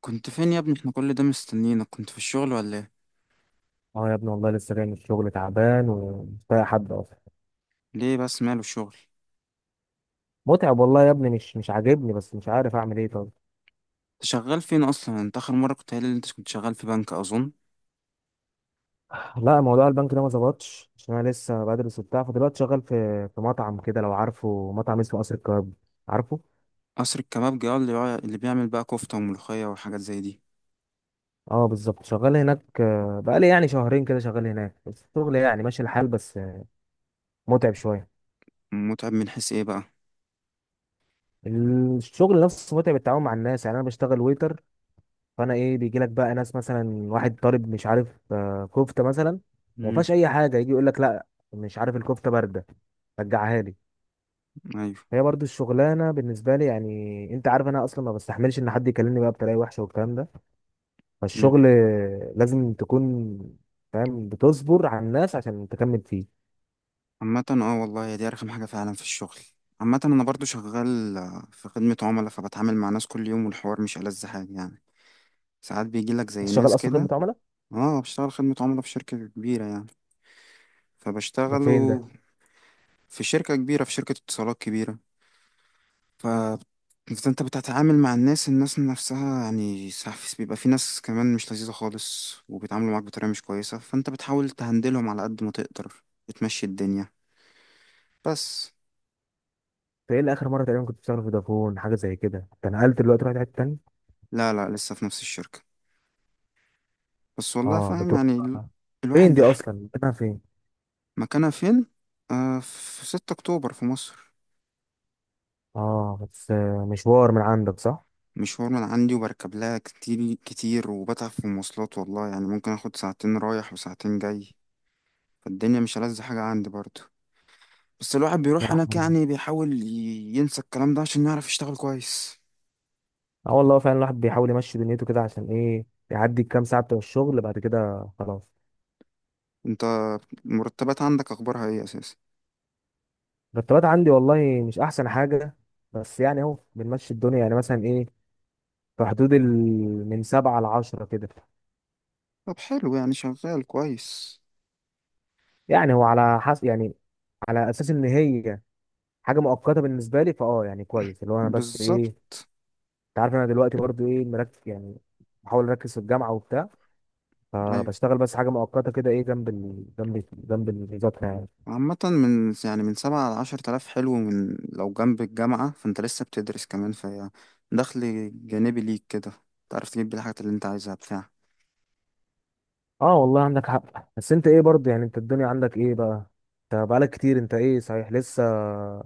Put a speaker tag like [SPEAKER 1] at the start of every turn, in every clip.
[SPEAKER 1] كنت فين يا ابني؟ احنا كل ده مستنيينك. كنت في الشغل ولا ايه؟
[SPEAKER 2] اه يا ابني، والله لسه جاي من الشغل تعبان ومش طايق حد اصلا.
[SPEAKER 1] ليه بس ماله الشغل؟
[SPEAKER 2] متعب والله يا ابني، مش عاجبني، بس مش عارف اعمل ايه. طب
[SPEAKER 1] انت شغال فين اصلا؟ انت اخر مره كنت قايل لي انت كنت شغال في بنك اظن.
[SPEAKER 2] لا، موضوع البنك ده ما ظبطش عشان انا لسه بدرس وبتاع. فدلوقتي شغال في مطعم كده، لو عارفه مطعم اسمه قصر الكباب. عارفه.
[SPEAKER 1] قصر الكبابجي، اه، اللي بيعمل بقى كفته وملوخيه وحاجات زي دي.
[SPEAKER 2] اه بالظبط، شغال هناك. بقالي يعني شهرين كده شغال هناك، بس الشغل يعني ماشي الحال، بس متعب شويه.
[SPEAKER 1] متعب من حيث ايه بقى؟
[SPEAKER 2] الشغل نفسه متعب، التعامل مع الناس. يعني انا بشتغل ويتر، فانا ايه، بيجي لك بقى ناس مثلا واحد طالب مش عارف كفته مثلا، وما
[SPEAKER 1] امم.
[SPEAKER 2] فيهاش اي حاجه، يجي يقول لك لا، مش عارف الكفته بارده، رجعها لي.
[SPEAKER 1] ايوه.
[SPEAKER 2] هي برضو الشغلانه بالنسبه لي، يعني انت عارف انا اصلا ما بستحملش ان حد يكلمني بقى بطريقه وحشه والكلام ده.
[SPEAKER 1] امم.
[SPEAKER 2] فالشغل لازم تكون فاهم، بتصبر على الناس عشان تكمل فيه.
[SPEAKER 1] عامه، اه والله هي دي ارخم حاجه فعلا في الشغل. عامه انا برضو شغال في خدمه عملاء، فبتعامل مع ناس كل يوم، والحوار مش ألذ حاجه يعني. ساعات بيجي لك
[SPEAKER 2] انت
[SPEAKER 1] زي
[SPEAKER 2] شغال
[SPEAKER 1] ناس
[SPEAKER 2] اصلا
[SPEAKER 1] كده.
[SPEAKER 2] خدمه عملاء؟
[SPEAKER 1] اه، بشتغل خدمه عملاء في شركه كبيره يعني.
[SPEAKER 2] ده
[SPEAKER 1] فبشتغل
[SPEAKER 2] فين ده؟
[SPEAKER 1] في شركة كبيرة، في شركة اتصالات كبيرة. ف- فانت بتتعامل مع الناس نفسها، يعني ساعات بيبقى في ناس كمان مش لذيذة خالص وبيتعاملوا معاك بطريقة مش كويسة، فانت بتحاول تهندلهم على قد ما تقدر، بتمشي الدنيا، بس.
[SPEAKER 2] انت ايه اللي، اخر مره تقريبا كنت بتشتغل في فودافون حاجه زي كده، انت نقلت دلوقتي، رحت حته تانيه؟
[SPEAKER 1] لا، لا، لسه في نفس الشركة. بس والله
[SPEAKER 2] اه
[SPEAKER 1] فاهم،
[SPEAKER 2] بتروح
[SPEAKER 1] يعني الواحد
[SPEAKER 2] فين؟ دي
[SPEAKER 1] بح.
[SPEAKER 2] اصلا مكانها فين؟
[SPEAKER 1] مكانها فين؟ في 6 اكتوبر في مصر.
[SPEAKER 2] اه، بس مشوار من عندك صح؟
[SPEAKER 1] مشوار من عندي، وبركب لها كتير كتير وبتعب في المواصلات والله، يعني ممكن اخد ساعتين رايح وساعتين جاي. فالدنيا مش ألذ حاجة عندي برضه. بس الواحد بيروح
[SPEAKER 2] لا،
[SPEAKER 1] هناك،
[SPEAKER 2] حوار
[SPEAKER 1] يعني
[SPEAKER 2] ده.
[SPEAKER 1] بيحاول ينسى الكلام ده عشان يعرف يشتغل كويس.
[SPEAKER 2] اه والله فعلا الواحد بيحاول يمشي دنيته كده عشان ايه، يعدي الكام ساعه بتوع الشغل، بعد كده خلاص.
[SPEAKER 1] انت المرتبات عندك اخبارها ايه اساسا؟
[SPEAKER 2] المرتبات عندي والله مش احسن حاجه، بس يعني اهو بنمشي الدنيا. يعني مثلا ايه، في حدود من 7 لـ10 كده.
[SPEAKER 1] طب حلو، يعني شغال كويس.
[SPEAKER 2] يعني هو على حسب يعني، على اساس ان هي حاجه مؤقته بالنسبه لي، فاه يعني كويس، اللي هو انا بس ايه،
[SPEAKER 1] بالظبط.
[SPEAKER 2] انت عارف انا دلوقتي برضو ايه، مركز يعني، بحاول اركز في الجامعه وبتاع.
[SPEAKER 1] ايوه.
[SPEAKER 2] فبشتغل بس حاجه مؤقته كده، ايه، جنب المذاكره يعني.
[SPEAKER 1] عامة من يعني من سبعة لعشر تلاف، حلو. من لو جنب الجامعة فانت لسه بتدرس كمان، في دخل جانبي ليك كده، تعرف تجيب بيه الحاجات اللي انت عايزها بتاع
[SPEAKER 2] اه والله عندك حق. بس انت ايه برضه، يعني انت الدنيا عندك ايه بقى؟ انت بقالك كتير، انت ايه صحيح، لسه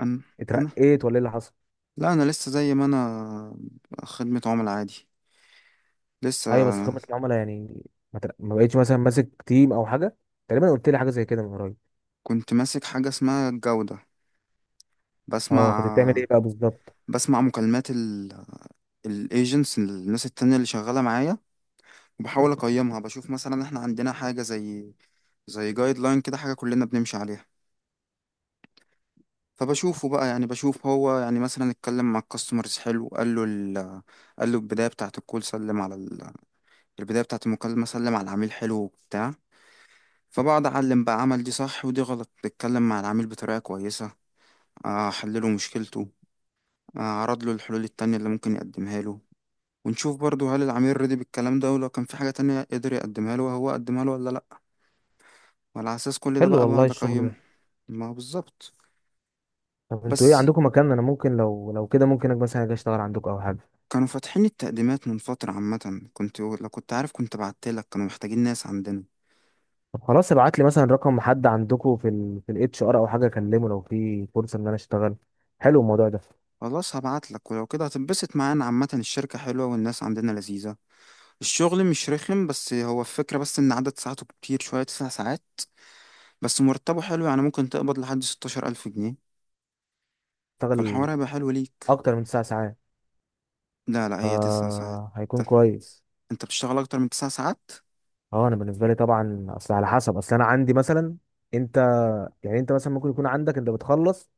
[SPEAKER 1] انا انا.
[SPEAKER 2] اترقيت ولا ايه اللي حصل؟
[SPEAKER 1] لا، انا لسه زي ما انا، خدمة عملاء عادي، لسه.
[SPEAKER 2] ايوه، بس في خدمه العملاء يعني، ما بقيتش مثلا ماسك تيم او حاجه؟ تقريبا قلت لي حاجه زي كده من قريب.
[SPEAKER 1] كنت ماسك حاجة اسمها الجودة.
[SPEAKER 2] اه، كنت بتعمل
[SPEAKER 1] بسمع
[SPEAKER 2] ايه بقى بالظبط؟
[SPEAKER 1] بسمع مكالمات الايجنتس، الناس التانية اللي شغالة معايا، وبحاول اقيمها. بشوف مثلا احنا عندنا حاجة زي جايد لاين كده، حاجة كلنا بنمشي عليها. فبشوفه بقى، يعني بشوف هو يعني مثلا اتكلم مع الكاستمرز حلو، قال له قال له البداية بتاعة الكول، سلم على البداية بتاعة المكالمة، سلم على العميل حلو وبتاع. فبقعد اعلم بقى، عمل دي صح ودي غلط، اتكلم مع العميل بطريقة كويسة، احلله مشكلته، اعرض له الحلول التانية اللي ممكن يقدمها له. ونشوف برضو هل العميل رضي بالكلام ده، ولو كان في حاجة تانية قدر يقدمها له وهو قدمها له ولا لأ. وعلى أساس كل ده
[SPEAKER 2] حلو
[SPEAKER 1] بقى
[SPEAKER 2] والله
[SPEAKER 1] بقعد
[SPEAKER 2] الشغل
[SPEAKER 1] أقيمه.
[SPEAKER 2] ده.
[SPEAKER 1] ما هو بالظبط.
[SPEAKER 2] طب انتوا ايه،
[SPEAKER 1] بس،
[SPEAKER 2] عندكم مكان انا ممكن، لو كده ممكن مثلا اجي اشتغل عندكم او حاجه؟
[SPEAKER 1] كانوا فاتحين التقديمات من فترة. عامة كنت، لو كنت عارف كنت بعتلك، كانوا محتاجين ناس عندنا.
[SPEAKER 2] طب خلاص، ابعت لي مثلا رقم حد عندكم في الاتش ار او حاجه، اكلمه لو في فرصه ان انا اشتغل. حلو الموضوع ده.
[SPEAKER 1] خلاص هبعتلك، ولو كده هتنبسط معانا. عامة الشركة حلوة والناس عندنا لذيذة. الشغل مش رخم، بس هو الفكرة بس إن عدد ساعاته كتير شوية، 9 ساعات. بس مرتبه حلو، يعني ممكن تقبض لحد 16 ألف جنيه.
[SPEAKER 2] اشتغل
[SPEAKER 1] فالحوار هيبقى حلو ليك.
[SPEAKER 2] اكتر من 9 ساعات؟
[SPEAKER 1] لا، لا، هي تسع ساعات.
[SPEAKER 2] آه، هيكون كويس.
[SPEAKER 1] انت بتشتغل اكتر من تسع ساعات؟
[SPEAKER 2] اه انا بالنسبه لي طبعا، اصل على حسب، اصل انا عندي مثلا، انت، يعني انت مثلا ممكن يكون عندك، انت بتخلص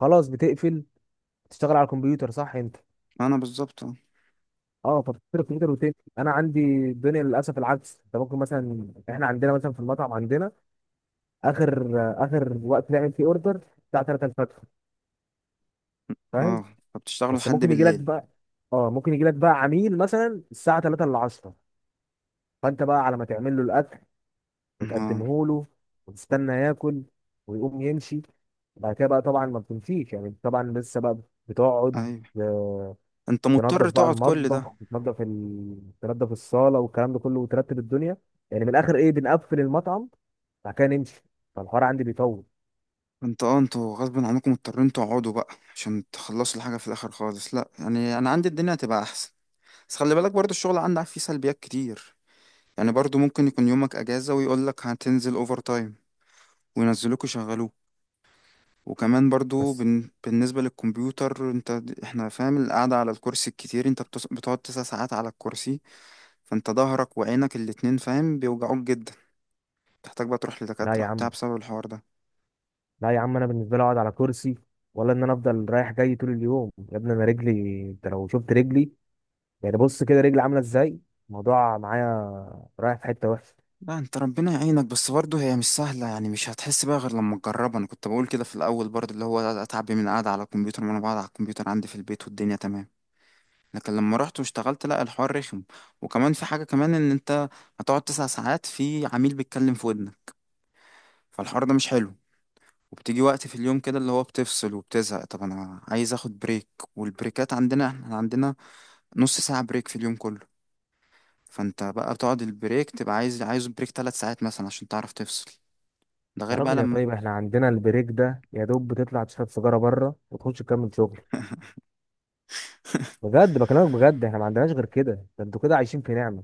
[SPEAKER 2] خلاص، بتقفل، تشتغل على الكمبيوتر صح انت.
[SPEAKER 1] انا بالظبط، اه.
[SPEAKER 2] اه، فبتشتغل على الكمبيوتر وتقفل. انا عندي الدنيا للاسف العكس. انت ممكن مثلا، احنا عندنا مثلا في المطعم، عندنا اخر اخر وقت نعمل فيه اوردر الساعه 3 الفجر، فاهم.
[SPEAKER 1] اه، فبتشتغلوا
[SPEAKER 2] بس
[SPEAKER 1] لحد
[SPEAKER 2] ممكن يجي لك
[SPEAKER 1] بالليل؟
[SPEAKER 2] بقى، اه ممكن يجي لك بقى عميل مثلا الساعه 3 الا 10، فانت بقى على ما تعمل له الاكل
[SPEAKER 1] اه.
[SPEAKER 2] وتقدمه له، وتستنى ياكل، ويقوم يمشي. بعد كده بقى طبعا ما بتمشيش، يعني طبعا لسه بقى بتقعد،
[SPEAKER 1] ايوه.
[SPEAKER 2] آه،
[SPEAKER 1] انت
[SPEAKER 2] تنظف
[SPEAKER 1] مضطر
[SPEAKER 2] بقى
[SPEAKER 1] تقعد كل ده؟
[SPEAKER 2] المطبخ، وتنظف تنظف الصاله والكلام ده كله، وترتب الدنيا. يعني من الاخر ايه، بنقفل المطعم بعد كده نمشي. فالحوار عندي بيطول.
[SPEAKER 1] انتوا غصب عنكم مضطرين تقعدوا بقى عشان تخلصوا الحاجه في الاخر خالص. لا، يعني انا عندي الدنيا هتبقى احسن. بس خلي بالك برضو الشغل عندك فيه سلبيات كتير، يعني برضو ممكن يكون يومك اجازه ويقول لك هتنزل اوفر تايم وينزلوك يشغلوك. وكمان برضو
[SPEAKER 2] بس
[SPEAKER 1] بالنسبه للكمبيوتر، انت احنا فاهم، القعده على الكرسي الكتير، انت بتقعد تسع ساعات على الكرسي، فانت ظهرك وعينك الاتنين فاهم بيوجعوك جدا، تحتاج بقى تروح
[SPEAKER 2] لا
[SPEAKER 1] لدكاترة
[SPEAKER 2] يا
[SPEAKER 1] وبتاع
[SPEAKER 2] عم،
[SPEAKER 1] بسبب الحوار ده.
[SPEAKER 2] لا يا عم، انا بالنسبه لي اقعد على كرسي، ولا ان انا افضل رايح جاي طول اليوم يا ابني. انا رجلي، انت لو شفت رجلي، يعني بص كده رجلي عامله ازاي. الموضوع معايا رايح في حته وحشه.
[SPEAKER 1] لا انت ربنا يعينك، بس برضه هي مش سهلة، يعني مش هتحس بقى غير لما تجربها. انا كنت بقول كده في الاول برضه، اللي هو اتعب من القعدة على الكمبيوتر، وانا بقعد على الكمبيوتر عندي في البيت والدنيا تمام. لكن لما رحت واشتغلت، لا الحوار رخم. وكمان في حاجة كمان، ان انت هتقعد تسع ساعات في عميل بيتكلم في ودنك، فالحوار ده مش حلو. وبتيجي وقت في اليوم كده اللي هو بتفصل وبتزهق، طب انا عايز اخد بريك. والبريكات عندنا، احنا عندنا نص ساعة بريك في اليوم كله. فانت بقى بتقعد البريك، تبقى عايز بريك 3 ساعات مثلا عشان تعرف تفصل. ده
[SPEAKER 2] يا
[SPEAKER 1] غير بقى
[SPEAKER 2] راجل يا
[SPEAKER 1] لما...
[SPEAKER 2] طيب، احنا عندنا البريك ده يا دوب بتطلع تشرب سيجاره بره وتخش تكمل شغل. بجد بكلمك بجد، احنا ما عندناش غير كده. ده انتوا كده عايشين في نعمه.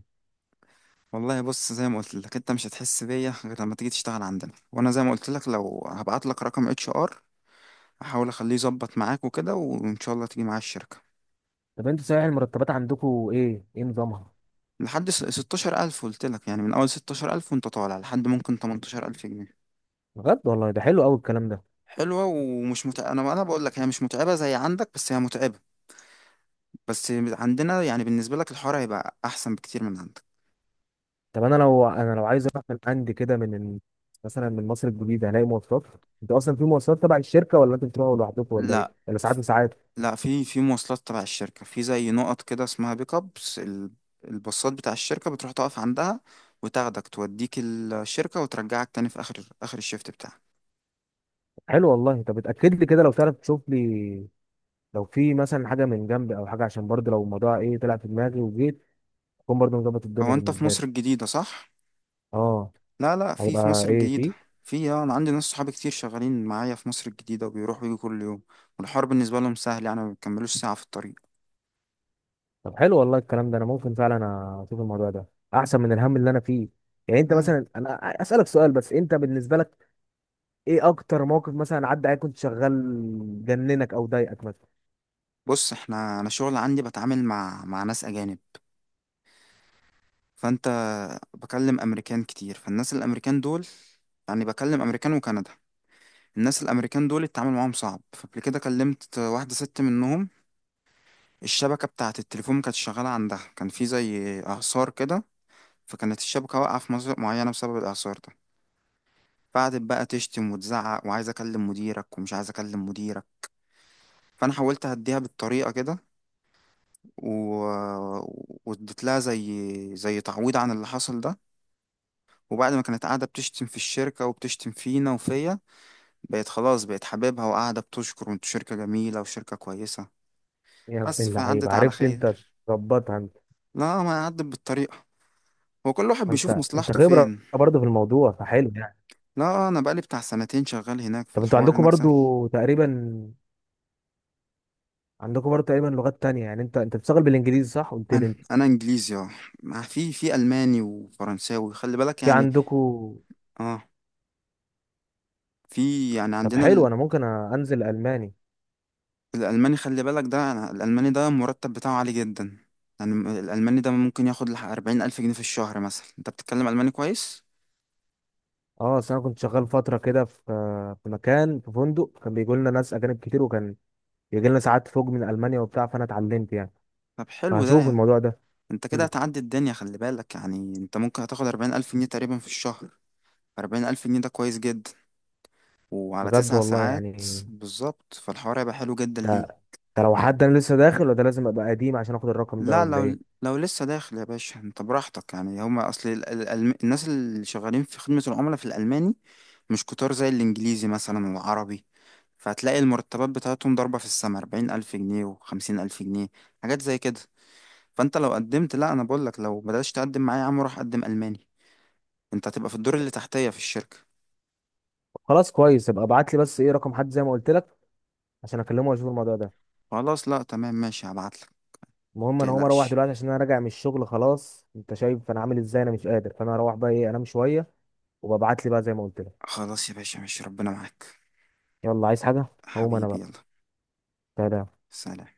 [SPEAKER 1] والله بص، زي ما قلت لك انت مش هتحس بيا غير لما تيجي تشتغل عندنا. وانا زي ما قلت لك، لو هبعت لك رقم اتش ار، احاول اخليه يظبط معاك وكده، وان شاء الله تيجي معايا الشركة.
[SPEAKER 2] طب انتوا صحيح المرتبات عندكم ايه نظامها؟
[SPEAKER 1] لحد 16000، قلت لك، يعني من اول 16000 وانت طالع لحد ممكن 18000 جنيه.
[SPEAKER 2] بجد والله ده حلو قوي الكلام ده.
[SPEAKER 1] حلوة ومش متعبة. انا بقول لك هي مش متعبة زي عندك، بس هي متعبة، بس عندنا يعني بالنسبة لك الحوار هيبقى احسن بكتير من عندك.
[SPEAKER 2] طب انا لو، عايز اروح من عندي كده، مثلا من مصر الجديده، هلاقي مواصلات؟ انت اصلا في مواصلات تبع الشركه، ولا انت بتروحوا لوحدكم، ولا ايه،
[SPEAKER 1] لا،
[SPEAKER 2] ولا ساعات وساعات؟
[SPEAKER 1] لا، في مواصلات تبع الشركة، في زي نقط كده اسمها بيك ابس، الباصات بتاع الشركة بتروح تقف عندها وتاخدك توديك الشركة وترجعك تاني في آخر آخر الشيفت بتاعك.
[SPEAKER 2] حلو والله. طب اتاكد لي كده لو تعرف، تشوف لي لو في مثلا حاجه من جنبي او حاجه، عشان برضه لو الموضوع ايه، طلع في دماغي وجيت، اكون برضه مظبط الدنيا
[SPEAKER 1] أو أنت في
[SPEAKER 2] بالنسبه لي.
[SPEAKER 1] مصر الجديدة، صح؟
[SPEAKER 2] اه.
[SPEAKER 1] لا، لا، في
[SPEAKER 2] هيبقى
[SPEAKER 1] مصر
[SPEAKER 2] ايه
[SPEAKER 1] الجديدة.
[SPEAKER 2] فيه؟
[SPEAKER 1] في أنا عندي ناس صحابي كتير شغالين معايا في مصر الجديدة وبيروحوا ويجوا كل يوم، والحوار بالنسبة لهم سهل، يعني ما بيكملوش ساعة في الطريق.
[SPEAKER 2] طب حلو والله الكلام ده. انا ممكن فعلا اشوف الموضوع ده، احسن من الهم اللي انا فيه. يعني انت
[SPEAKER 1] يعني
[SPEAKER 2] مثلا، انا اسالك سؤال بس، انت بالنسبه لك ايه اكتر موقف مثلا عدى عليك كنت شغال، جننك او ضايقك مثلا؟
[SPEAKER 1] بص احنا، أنا شغل عندي بتعامل مع ناس أجانب. فأنت بكلم أمريكان كتير، فالناس الأمريكان دول، يعني بكلم أمريكان وكندا، الناس الامريكان دول التعامل معاهم صعب. فقبل كده كلمت واحده ست منهم، الشبكه بتاعه التليفون ما كانتش شغاله عندها، كان في زي اعصار كده، فكانت الشبكه واقعه في مناطق معينه بسبب الاعصار ده. فقعدت بقى تشتم وتزعق، وعايز اكلم مديرك ومش عايز اكلم مديرك، فانا حاولت اهديها بالطريقه كده و... واديت لها زي تعويض عن اللي حصل ده. وبعد ما كانت قاعده بتشتم في الشركه وبتشتم فينا وفيا، بقت خلاص، بقت حبيبها، وقاعده بتشكر، وانتوا شركه جميله وشركه كويسه.
[SPEAKER 2] يا
[SPEAKER 1] بس
[SPEAKER 2] ابن اللعيبه،
[SPEAKER 1] فعدت على
[SPEAKER 2] عرفت انت
[SPEAKER 1] خير.
[SPEAKER 2] تظبطها. انت
[SPEAKER 1] لا، ما عدت بالطريقة، هو كل واحد بيشوف
[SPEAKER 2] انت
[SPEAKER 1] مصلحته
[SPEAKER 2] خبره
[SPEAKER 1] فين.
[SPEAKER 2] برضه في الموضوع، فحلو يعني.
[SPEAKER 1] لا، انا بقالي بتاع سنتين شغال هناك،
[SPEAKER 2] طب انتوا
[SPEAKER 1] فالحوار
[SPEAKER 2] عندكم
[SPEAKER 1] هناك
[SPEAKER 2] برضه
[SPEAKER 1] سهل.
[SPEAKER 2] تقريبا، لغات تانية يعني؟ انت انت بتشتغل بالانجليزي صح قلت لي
[SPEAKER 1] انا
[SPEAKER 2] انت؟
[SPEAKER 1] انا انجليزي، اه. في الماني وفرنساوي خلي بالك
[SPEAKER 2] في
[SPEAKER 1] يعني.
[SPEAKER 2] عندكم؟
[SPEAKER 1] اه، في يعني
[SPEAKER 2] طب
[SPEAKER 1] عندنا
[SPEAKER 2] حلو، انا ممكن انزل الماني.
[SPEAKER 1] الالماني، خلي بالك ده. أنا الالماني ده المرتب بتاعه عالي جدا، يعني الالماني ده ممكن ياخد لح 40 الف جنيه في الشهر مثلا. انت بتتكلم الماني كويس؟
[SPEAKER 2] اه، اصل انا كنت شغال فتره كده في مكان، في فندق، كان بيجي لنا ناس اجانب كتير، وكان بيجي لنا ساعات فوق من المانيا وبتاع، فانا اتعلمت يعني.
[SPEAKER 1] طب حلو ده
[SPEAKER 2] فهشوف
[SPEAKER 1] يعني،
[SPEAKER 2] الموضوع ده.
[SPEAKER 1] انت كده
[SPEAKER 2] حلو
[SPEAKER 1] هتعدي الدنيا خلي بالك، يعني انت ممكن هتاخد 40 الف جنيه تقريبا في الشهر. 40 ألف جنيه ده كويس جدا، وعلى
[SPEAKER 2] بجد
[SPEAKER 1] تسع
[SPEAKER 2] والله
[SPEAKER 1] ساعات.
[SPEAKER 2] يعني.
[SPEAKER 1] بالظبط، فالحوار هيبقى حلو جدا ليه.
[SPEAKER 2] ده ده لو حد انا لسه داخل، ولا ده لازم ابقى قديم عشان اخد الرقم ده،
[SPEAKER 1] لا،
[SPEAKER 2] ولا
[SPEAKER 1] لو
[SPEAKER 2] ايه؟
[SPEAKER 1] لو لسه داخل يا باشا انت براحتك، يعني هما اصل الناس اللي شغالين في خدمة العملاء في الألماني مش كتار زي الإنجليزي مثلا والعربي، فهتلاقي المرتبات بتاعتهم ضاربة في السما، 40 ألف جنيه وخمسين ألف جنيه، حاجات زي كده. فأنت لو قدمت، لا، أنا بقولك لو بدأتش تقدم معايا يا عم روح قدم ألماني، أنت هتبقى في الدور اللي تحتية في الشركة.
[SPEAKER 2] خلاص كويس، ابقى ابعت لي بس ايه رقم حد زي ما قلت لك، عشان اكلمه واشوف الموضوع ده.
[SPEAKER 1] خلاص، لا تمام ماشي، هبعتلك.
[SPEAKER 2] المهم انا هقوم اروح
[SPEAKER 1] متقلقش.
[SPEAKER 2] دلوقتي، عشان انا راجع من الشغل خلاص، انت شايف انا عامل ازاي، انا مش قادر. فانا هروح بقى ايه، انام شويه. وببعت لي بقى زي ما قلت لك.
[SPEAKER 1] خلاص يا باشا، ماشي ربنا معاك.
[SPEAKER 2] يلا عايز حاجه؟ هقوم انا
[SPEAKER 1] حبيبي
[SPEAKER 2] بقى.
[SPEAKER 1] يلا.
[SPEAKER 2] سلام.
[SPEAKER 1] سلام.